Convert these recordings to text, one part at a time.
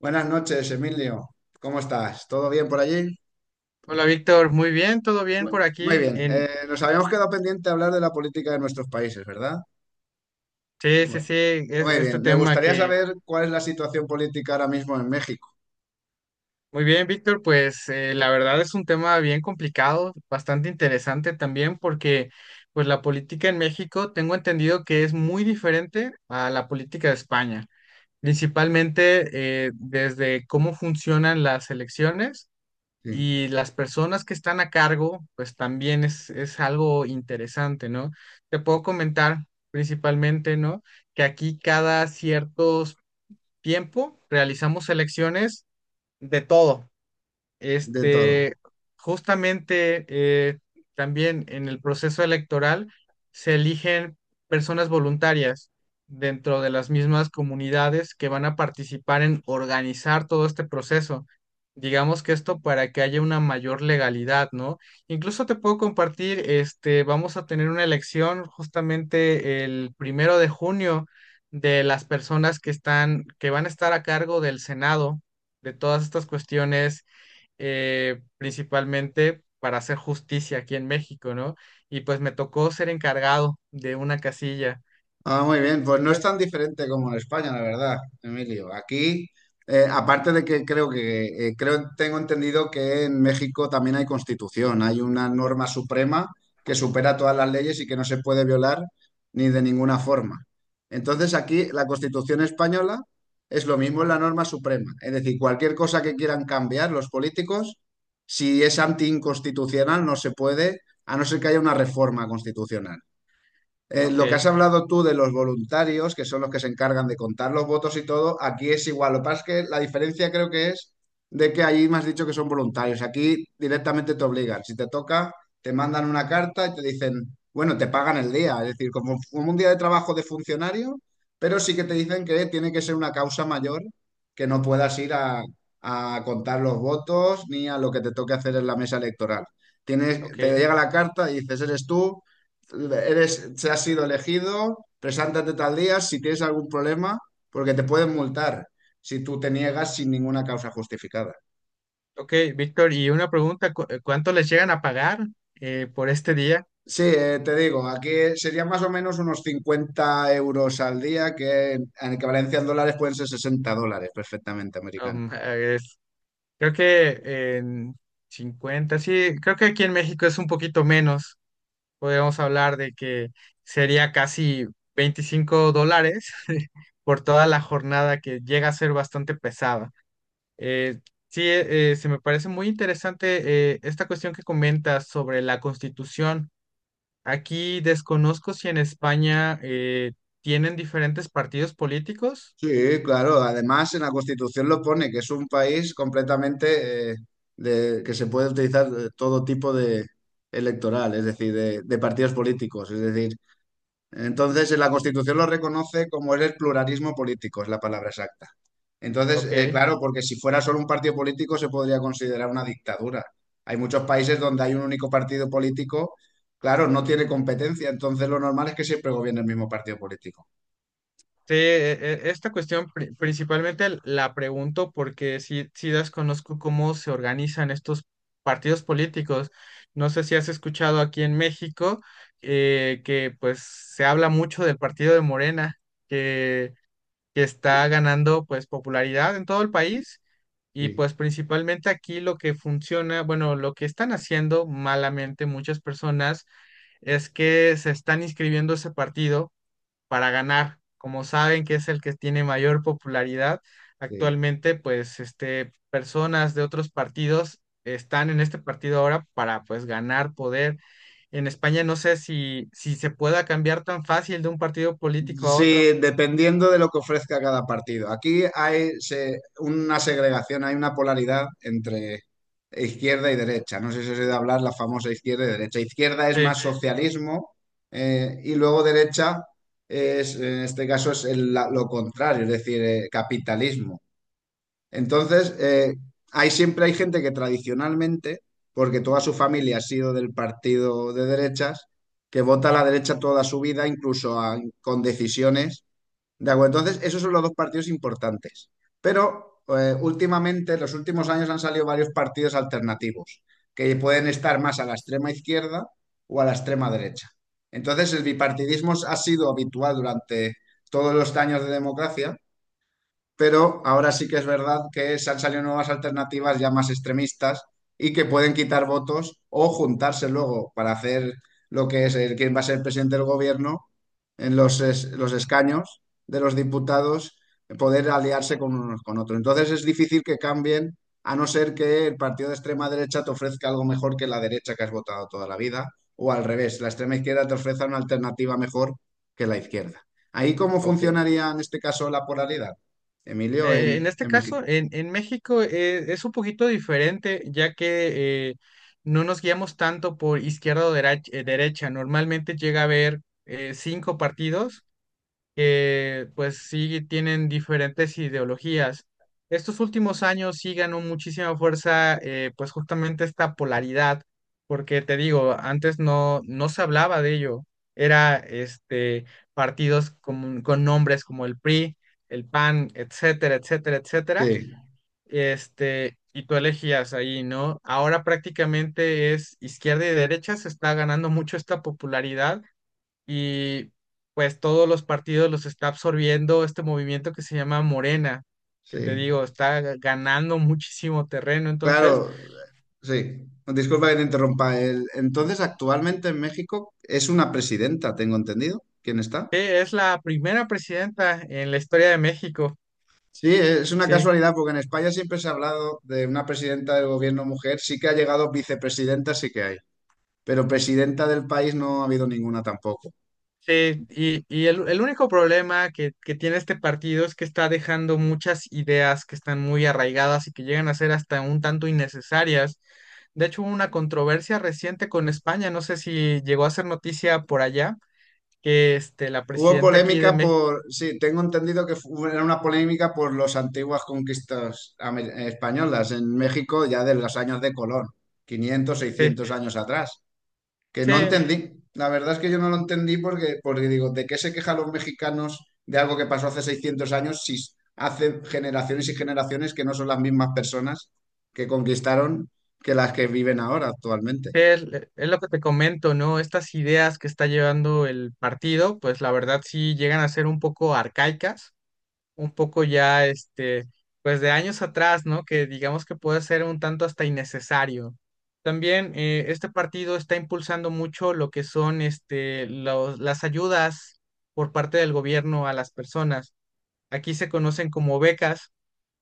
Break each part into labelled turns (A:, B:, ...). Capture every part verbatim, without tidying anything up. A: Buenas noches, Emilio. ¿Cómo estás? ¿Todo bien por allí?
B: Hola Víctor, muy bien, todo bien por
A: Bueno, muy
B: aquí.
A: bien.
B: En,
A: Eh, nos habíamos quedado pendiente de hablar de la política de nuestros países, ¿verdad?
B: sí, sí,
A: Muy
B: sí. Es,
A: muy
B: este
A: bien. Me
B: tema
A: gustaría
B: que...
A: saber cuál es la situación política ahora mismo en México.
B: Muy bien, Víctor, pues eh, la verdad es un tema bien complicado, bastante interesante también porque pues la política en México tengo entendido que es muy diferente a la política de España, principalmente eh, desde cómo funcionan las elecciones.
A: Sí,
B: Y las personas que están a cargo, pues también es, es algo interesante, ¿no? Te puedo comentar principalmente, ¿no? Que aquí cada ciertos tiempo realizamos selecciones de todo.
A: de
B: Este,
A: todo.
B: justamente eh, también en el proceso electoral se eligen personas voluntarias dentro de las mismas comunidades que van a participar en organizar todo este proceso. Digamos que esto para que haya una mayor legalidad, ¿no? Incluso te puedo compartir, este, vamos a tener una elección justamente el primero de junio de las personas que están, que van a estar a cargo del Senado, de todas estas cuestiones eh, principalmente para hacer justicia aquí en México, ¿no? Y pues me tocó ser encargado de una casilla.
A: Ah, muy bien, pues no es tan
B: Entonces,
A: diferente como en España, la verdad, Emilio. Aquí, eh, aparte de que creo que eh, creo tengo entendido que en México también hay constitución, hay una norma suprema que supera todas las leyes y que no se puede violar ni de ninguna forma. Entonces aquí
B: eh,
A: la Constitución española es lo mismo, es la norma suprema. Es decir, cualquier cosa que quieran cambiar los políticos, si es antiinconstitucional, no se puede, a no ser que haya una reforma constitucional. Eh, lo que has
B: ok,
A: hablado tú de los voluntarios, que son los que se encargan de contar los votos y todo, aquí es igual. Lo que pasa es que la diferencia creo que es de que allí me has dicho que son voluntarios. Aquí directamente te obligan. Si te toca, te mandan una carta y te dicen, bueno, te pagan el día. Es decir, como, como un día de trabajo de funcionario, pero sí que te dicen que tiene que ser una causa mayor, que no puedas ir a, a contar los votos ni a lo que te toque hacer en la mesa electoral. Tienes,
B: ok,
A: te llega la carta y dices, eres tú, eres, se has sido elegido, preséntate tal día si tienes algún problema, porque te pueden multar si tú te niegas sin ninguna causa justificada.
B: ok, Víctor, y una pregunta, ¿cu- eh, ¿cuánto les llegan a pagar eh, por este día?
A: Sí, eh, te digo, aquí serían más o menos unos cincuenta euros al día, que en equivalencia en dólares pueden ser sesenta dólares perfectamente americanos.
B: Um, eh, es- Creo que en cincuenta. Sí, creo que aquí en México es un poquito menos. Podríamos hablar de que sería casi veinticinco dólares por toda la jornada que llega a ser bastante pesada. Eh, sí, eh, eh, se me parece muy interesante eh, esta cuestión que comentas sobre la Constitución. Aquí desconozco si en España eh, tienen diferentes partidos políticos.
A: Sí, claro, además en la Constitución lo pone, que es un país completamente eh, de, que se puede utilizar eh, todo tipo de electoral, es decir, de, de partidos políticos. Es decir, Entonces, en la Constitución lo reconoce como es el pluralismo político, es la palabra exacta. Entonces, eh,
B: Ok.
A: claro, porque si fuera solo un partido político se podría considerar una dictadura. Hay muchos países donde hay un único partido político, claro, no tiene competencia, entonces lo normal es que siempre gobierne el mismo partido político.
B: Sí, e- e- esta cuestión pri- principalmente l- la pregunto porque sí, sí desconozco cómo se organizan estos partidos políticos. No sé si has escuchado aquí en México eh, que pues se habla mucho del partido de Morena, que está ganando pues popularidad en todo el país y
A: Sí,
B: pues principalmente aquí lo que funciona, bueno, lo que están haciendo malamente muchas personas es que se están inscribiendo a ese partido para ganar, como saben que es el que tiene mayor popularidad
A: sí.
B: actualmente, pues este personas de otros partidos están en este partido ahora para pues ganar poder. En España no sé si, si se pueda cambiar tan fácil de un partido político a
A: Sí,
B: otro.
A: dependiendo de lo que ofrezca cada partido. Aquí hay se- una segregación, hay una polaridad entre izquierda y derecha. No sé si os he oído hablar la famosa izquierda y derecha. Izquierda es
B: Sí,
A: más socialismo eh, y luego derecha es, en este caso, es el- la- lo contrario, es decir, eh, capitalismo. Entonces, eh, hay siempre hay gente que tradicionalmente, porque toda su familia ha sido del partido de derechas, que vota a la derecha toda su vida, incluso a- con decisiones de acuerdo, entonces esos son los dos partidos importantes. Pero eh, últimamente, en los últimos años han salido varios partidos alternativos que pueden estar más a la extrema izquierda o a la extrema derecha. Entonces el bipartidismo ha sido habitual durante todos los años de democracia pero ahora sí que es verdad que se han salido nuevas alternativas ya más extremistas y que pueden quitar votos o juntarse luego para hacer lo que es el, quién va a ser el presidente del gobierno en los, es- los escaños de los diputados, poder aliarse con unos con otros. Entonces es difícil que cambien, a no ser que el partido de extrema derecha te ofrezca algo mejor que la derecha que has votado toda la vida, o al revés, la extrema izquierda te ofrezca una alternativa mejor que la izquierda. ¿Ahí cómo
B: ok.
A: funcionaría en este caso la polaridad? Emilio
B: Eh,
A: en,
B: en este
A: en México.
B: caso, en, en México eh, es un poquito diferente, ya que eh, no nos guiamos tanto por izquierda o dera- eh, derecha. Normalmente llega a haber eh, cinco partidos que pues sí tienen diferentes ideologías. Estos últimos años sí ganó muchísima fuerza eh, pues justamente esta polaridad, porque te digo, antes no, no se hablaba de ello, era este partidos con, con nombres como el PRI, el PAN, etcétera, etcétera, etcétera,
A: Sí,
B: este, y tú elegías ahí, ¿no? Ahora prácticamente es izquierda y derecha, se está ganando mucho esta popularidad y pues todos los partidos los está absorbiendo este movimiento que se llama Morena, que te
A: sí.
B: digo, está ganando muchísimo terreno. Entonces,
A: Claro, sí. Disculpa que te interrumpa. El- entonces, actualmente en México es una presidenta, tengo entendido. ¿Quién está?
B: eh, es la primera presidenta en la historia de México.
A: Sí, es una
B: Sí,
A: casualidad porque en España siempre se ha hablado de una presidenta del gobierno mujer. Sí que ha llegado vicepresidenta, sí que hay. Pero presidenta del país no ha habido ninguna tampoco.
B: sí. Y, y el, el único problema que, que tiene este partido es que está dejando muchas ideas que están muy arraigadas y que llegan a ser hasta un tanto innecesarias. De hecho, hubo una controversia reciente con España, no sé si llegó a ser noticia por allá, que este, la
A: Hubo
B: presidenta aquí de
A: polémica
B: México.
A: por, sí, tengo entendido que fu- era una polémica por las antiguas conquistas amer- españolas en México ya de los años de Colón, quinientos,
B: Sí,
A: seiscientos años atrás, que
B: sí,
A: no entendí. La verdad es que yo no lo entendí porque, porque digo, ¿de qué se quejan los mexicanos de algo que pasó hace seiscientos años si hace generaciones y generaciones que no son las mismas personas que conquistaron que las que viven ahora actualmente?
B: sí, es, es lo que te comento, ¿no? Estas ideas que está llevando el partido, pues la verdad sí llegan a ser un poco arcaicas, un poco ya, este, pues de años atrás, ¿no? Que digamos que puede ser un tanto hasta innecesario. También eh, este partido está impulsando mucho lo que son, este, los- las ayudas por parte del gobierno a las personas. Aquí se conocen como becas,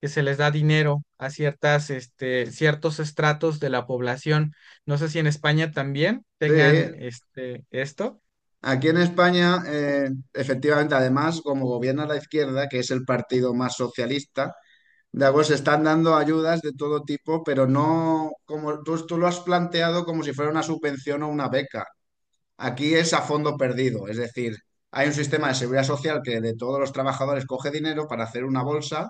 B: que se les da dinero a ciertas, este, ciertos estratos de la población. No sé si en España también
A: Sí.
B: tengan este, esto.
A: Aquí en España, eh, efectivamente, además, como gobierna la izquierda, que es el partido más socialista, de algo se están dando ayudas de todo tipo, pero no como tú, tú lo has planteado como si fuera una subvención o una beca. Aquí es a fondo perdido, es decir, hay un sistema de seguridad social que de todos los trabajadores coge dinero para hacer una bolsa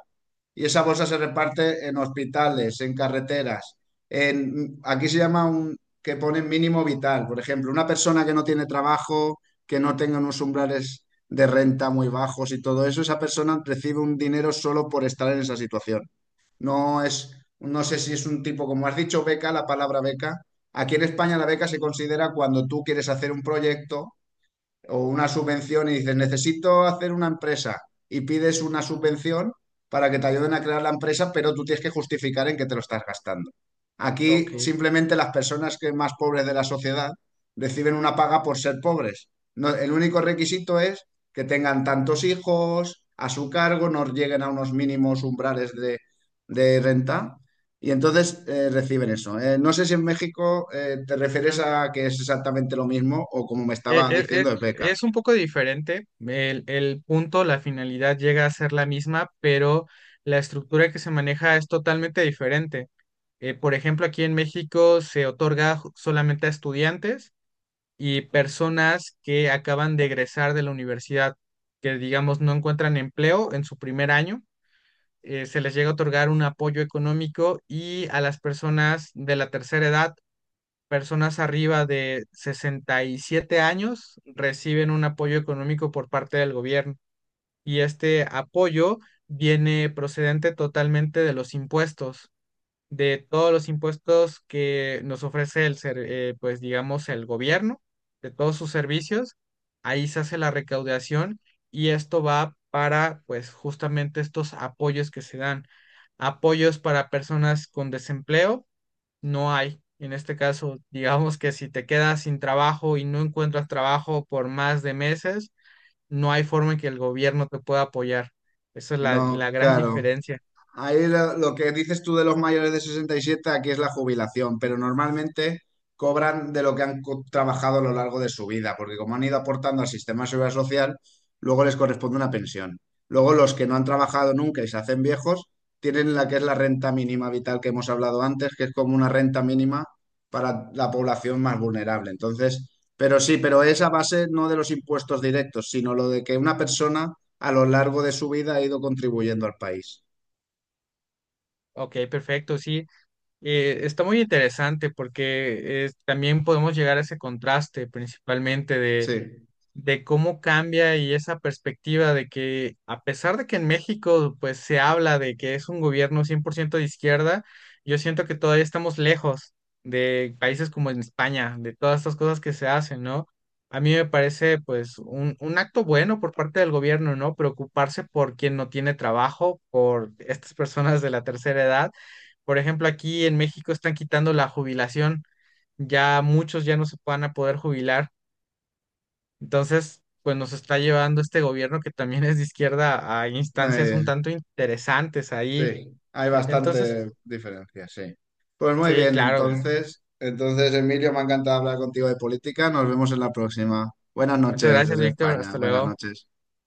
A: y esa bolsa se reparte en hospitales, en carreteras, en, aquí se llama un que pone mínimo vital, por ejemplo, una persona que no tiene trabajo, que no tenga unos umbrales de renta muy bajos y todo eso, esa persona recibe un dinero solo por estar en esa situación. No es, no sé si es un tipo, como has dicho, beca, la palabra beca. Aquí en España la beca se considera cuando tú quieres hacer un proyecto o una subvención y dices, necesito hacer una empresa y pides una subvención para que te ayuden a crear la empresa, pero tú tienes que justificar en qué te lo estás gastando. Aquí
B: Ok.
A: simplemente las personas que más pobres de la sociedad reciben una paga por ser pobres. No- el único requisito es que tengan tantos hijos a su cargo, no lleguen a unos mínimos umbrales de, de renta y entonces eh, reciben eso. Eh, no sé si en México eh, te refieres
B: No,
A: a que es exactamente lo mismo o como me estaba
B: e- e- Es,
A: diciendo, es beca.
B: es un poco diferente. El, el punto, la finalidad llega a ser la misma, pero la estructura que se maneja es totalmente diferente. Eh, por ejemplo, aquí en México se otorga ju- solamente a estudiantes y personas que acaban de egresar de la universidad, que digamos no encuentran empleo en su primer año, eh, se les llega a otorgar un apoyo económico y a las personas de la tercera edad, personas arriba de sesenta y siete años, reciben un apoyo económico por parte del gobierno. Y este apoyo viene procedente totalmente de los impuestos de todos los impuestos que nos ofrece el ser, eh, pues digamos, el gobierno, de todos sus servicios. Ahí se hace la recaudación y esto va para, pues, justamente estos apoyos que se dan. Apoyos para personas con desempleo, no hay. En este caso, digamos que si te quedas sin trabajo y no encuentras trabajo por más de meses, no hay forma en que el gobierno te pueda apoyar. Esa es la, la
A: No,
B: gran
A: claro.
B: diferencia.
A: Ahí lo, lo que dices tú de los mayores de sesenta y siete aquí es la jubilación, pero normalmente cobran de lo que han co- trabajado a lo largo de su vida, porque como han ido aportando al sistema de seguridad social, luego les corresponde una pensión. Luego los que no han trabajado nunca y se hacen viejos, tienen la que es la renta mínima vital que hemos hablado antes, que es como una renta mínima para la población más vulnerable. Entonces, pero sí, pero es a base no de los impuestos directos, sino lo de que una persona a lo largo de su vida ha ido contribuyendo al país.
B: Ok, perfecto, sí. Eh, está muy interesante porque es- también podemos llegar a ese contraste principalmente de,
A: Sí,
B: de cómo cambia y esa perspectiva de que a pesar de que en México pues se habla de que es un gobierno cien por ciento de izquierda, yo siento que todavía estamos lejos de países como en España, de todas estas cosas que se hacen, ¿no? A mí me parece pues un, un acto bueno por parte del gobierno, ¿no? Preocuparse por quien no tiene trabajo, por estas personas de la tercera edad. Por ejemplo, aquí en México están quitando la jubilación, ya muchos ya no se van a poder jubilar entonces, pues nos está llevando este gobierno que también es de izquierda a instancias un
A: eh,
B: tanto interesantes ahí.
A: sí, hay
B: E- Entonces,
A: bastante diferencia, sí. Pues muy
B: sí,
A: bien,
B: claro.
A: entonces, entonces Emilio, me ha encantado hablar contigo de política. Nos vemos en la próxima. Buenas
B: Muchas
A: noches
B: gracias,
A: desde
B: Víctor.
A: España.
B: Hasta
A: Buenas
B: luego.
A: noches.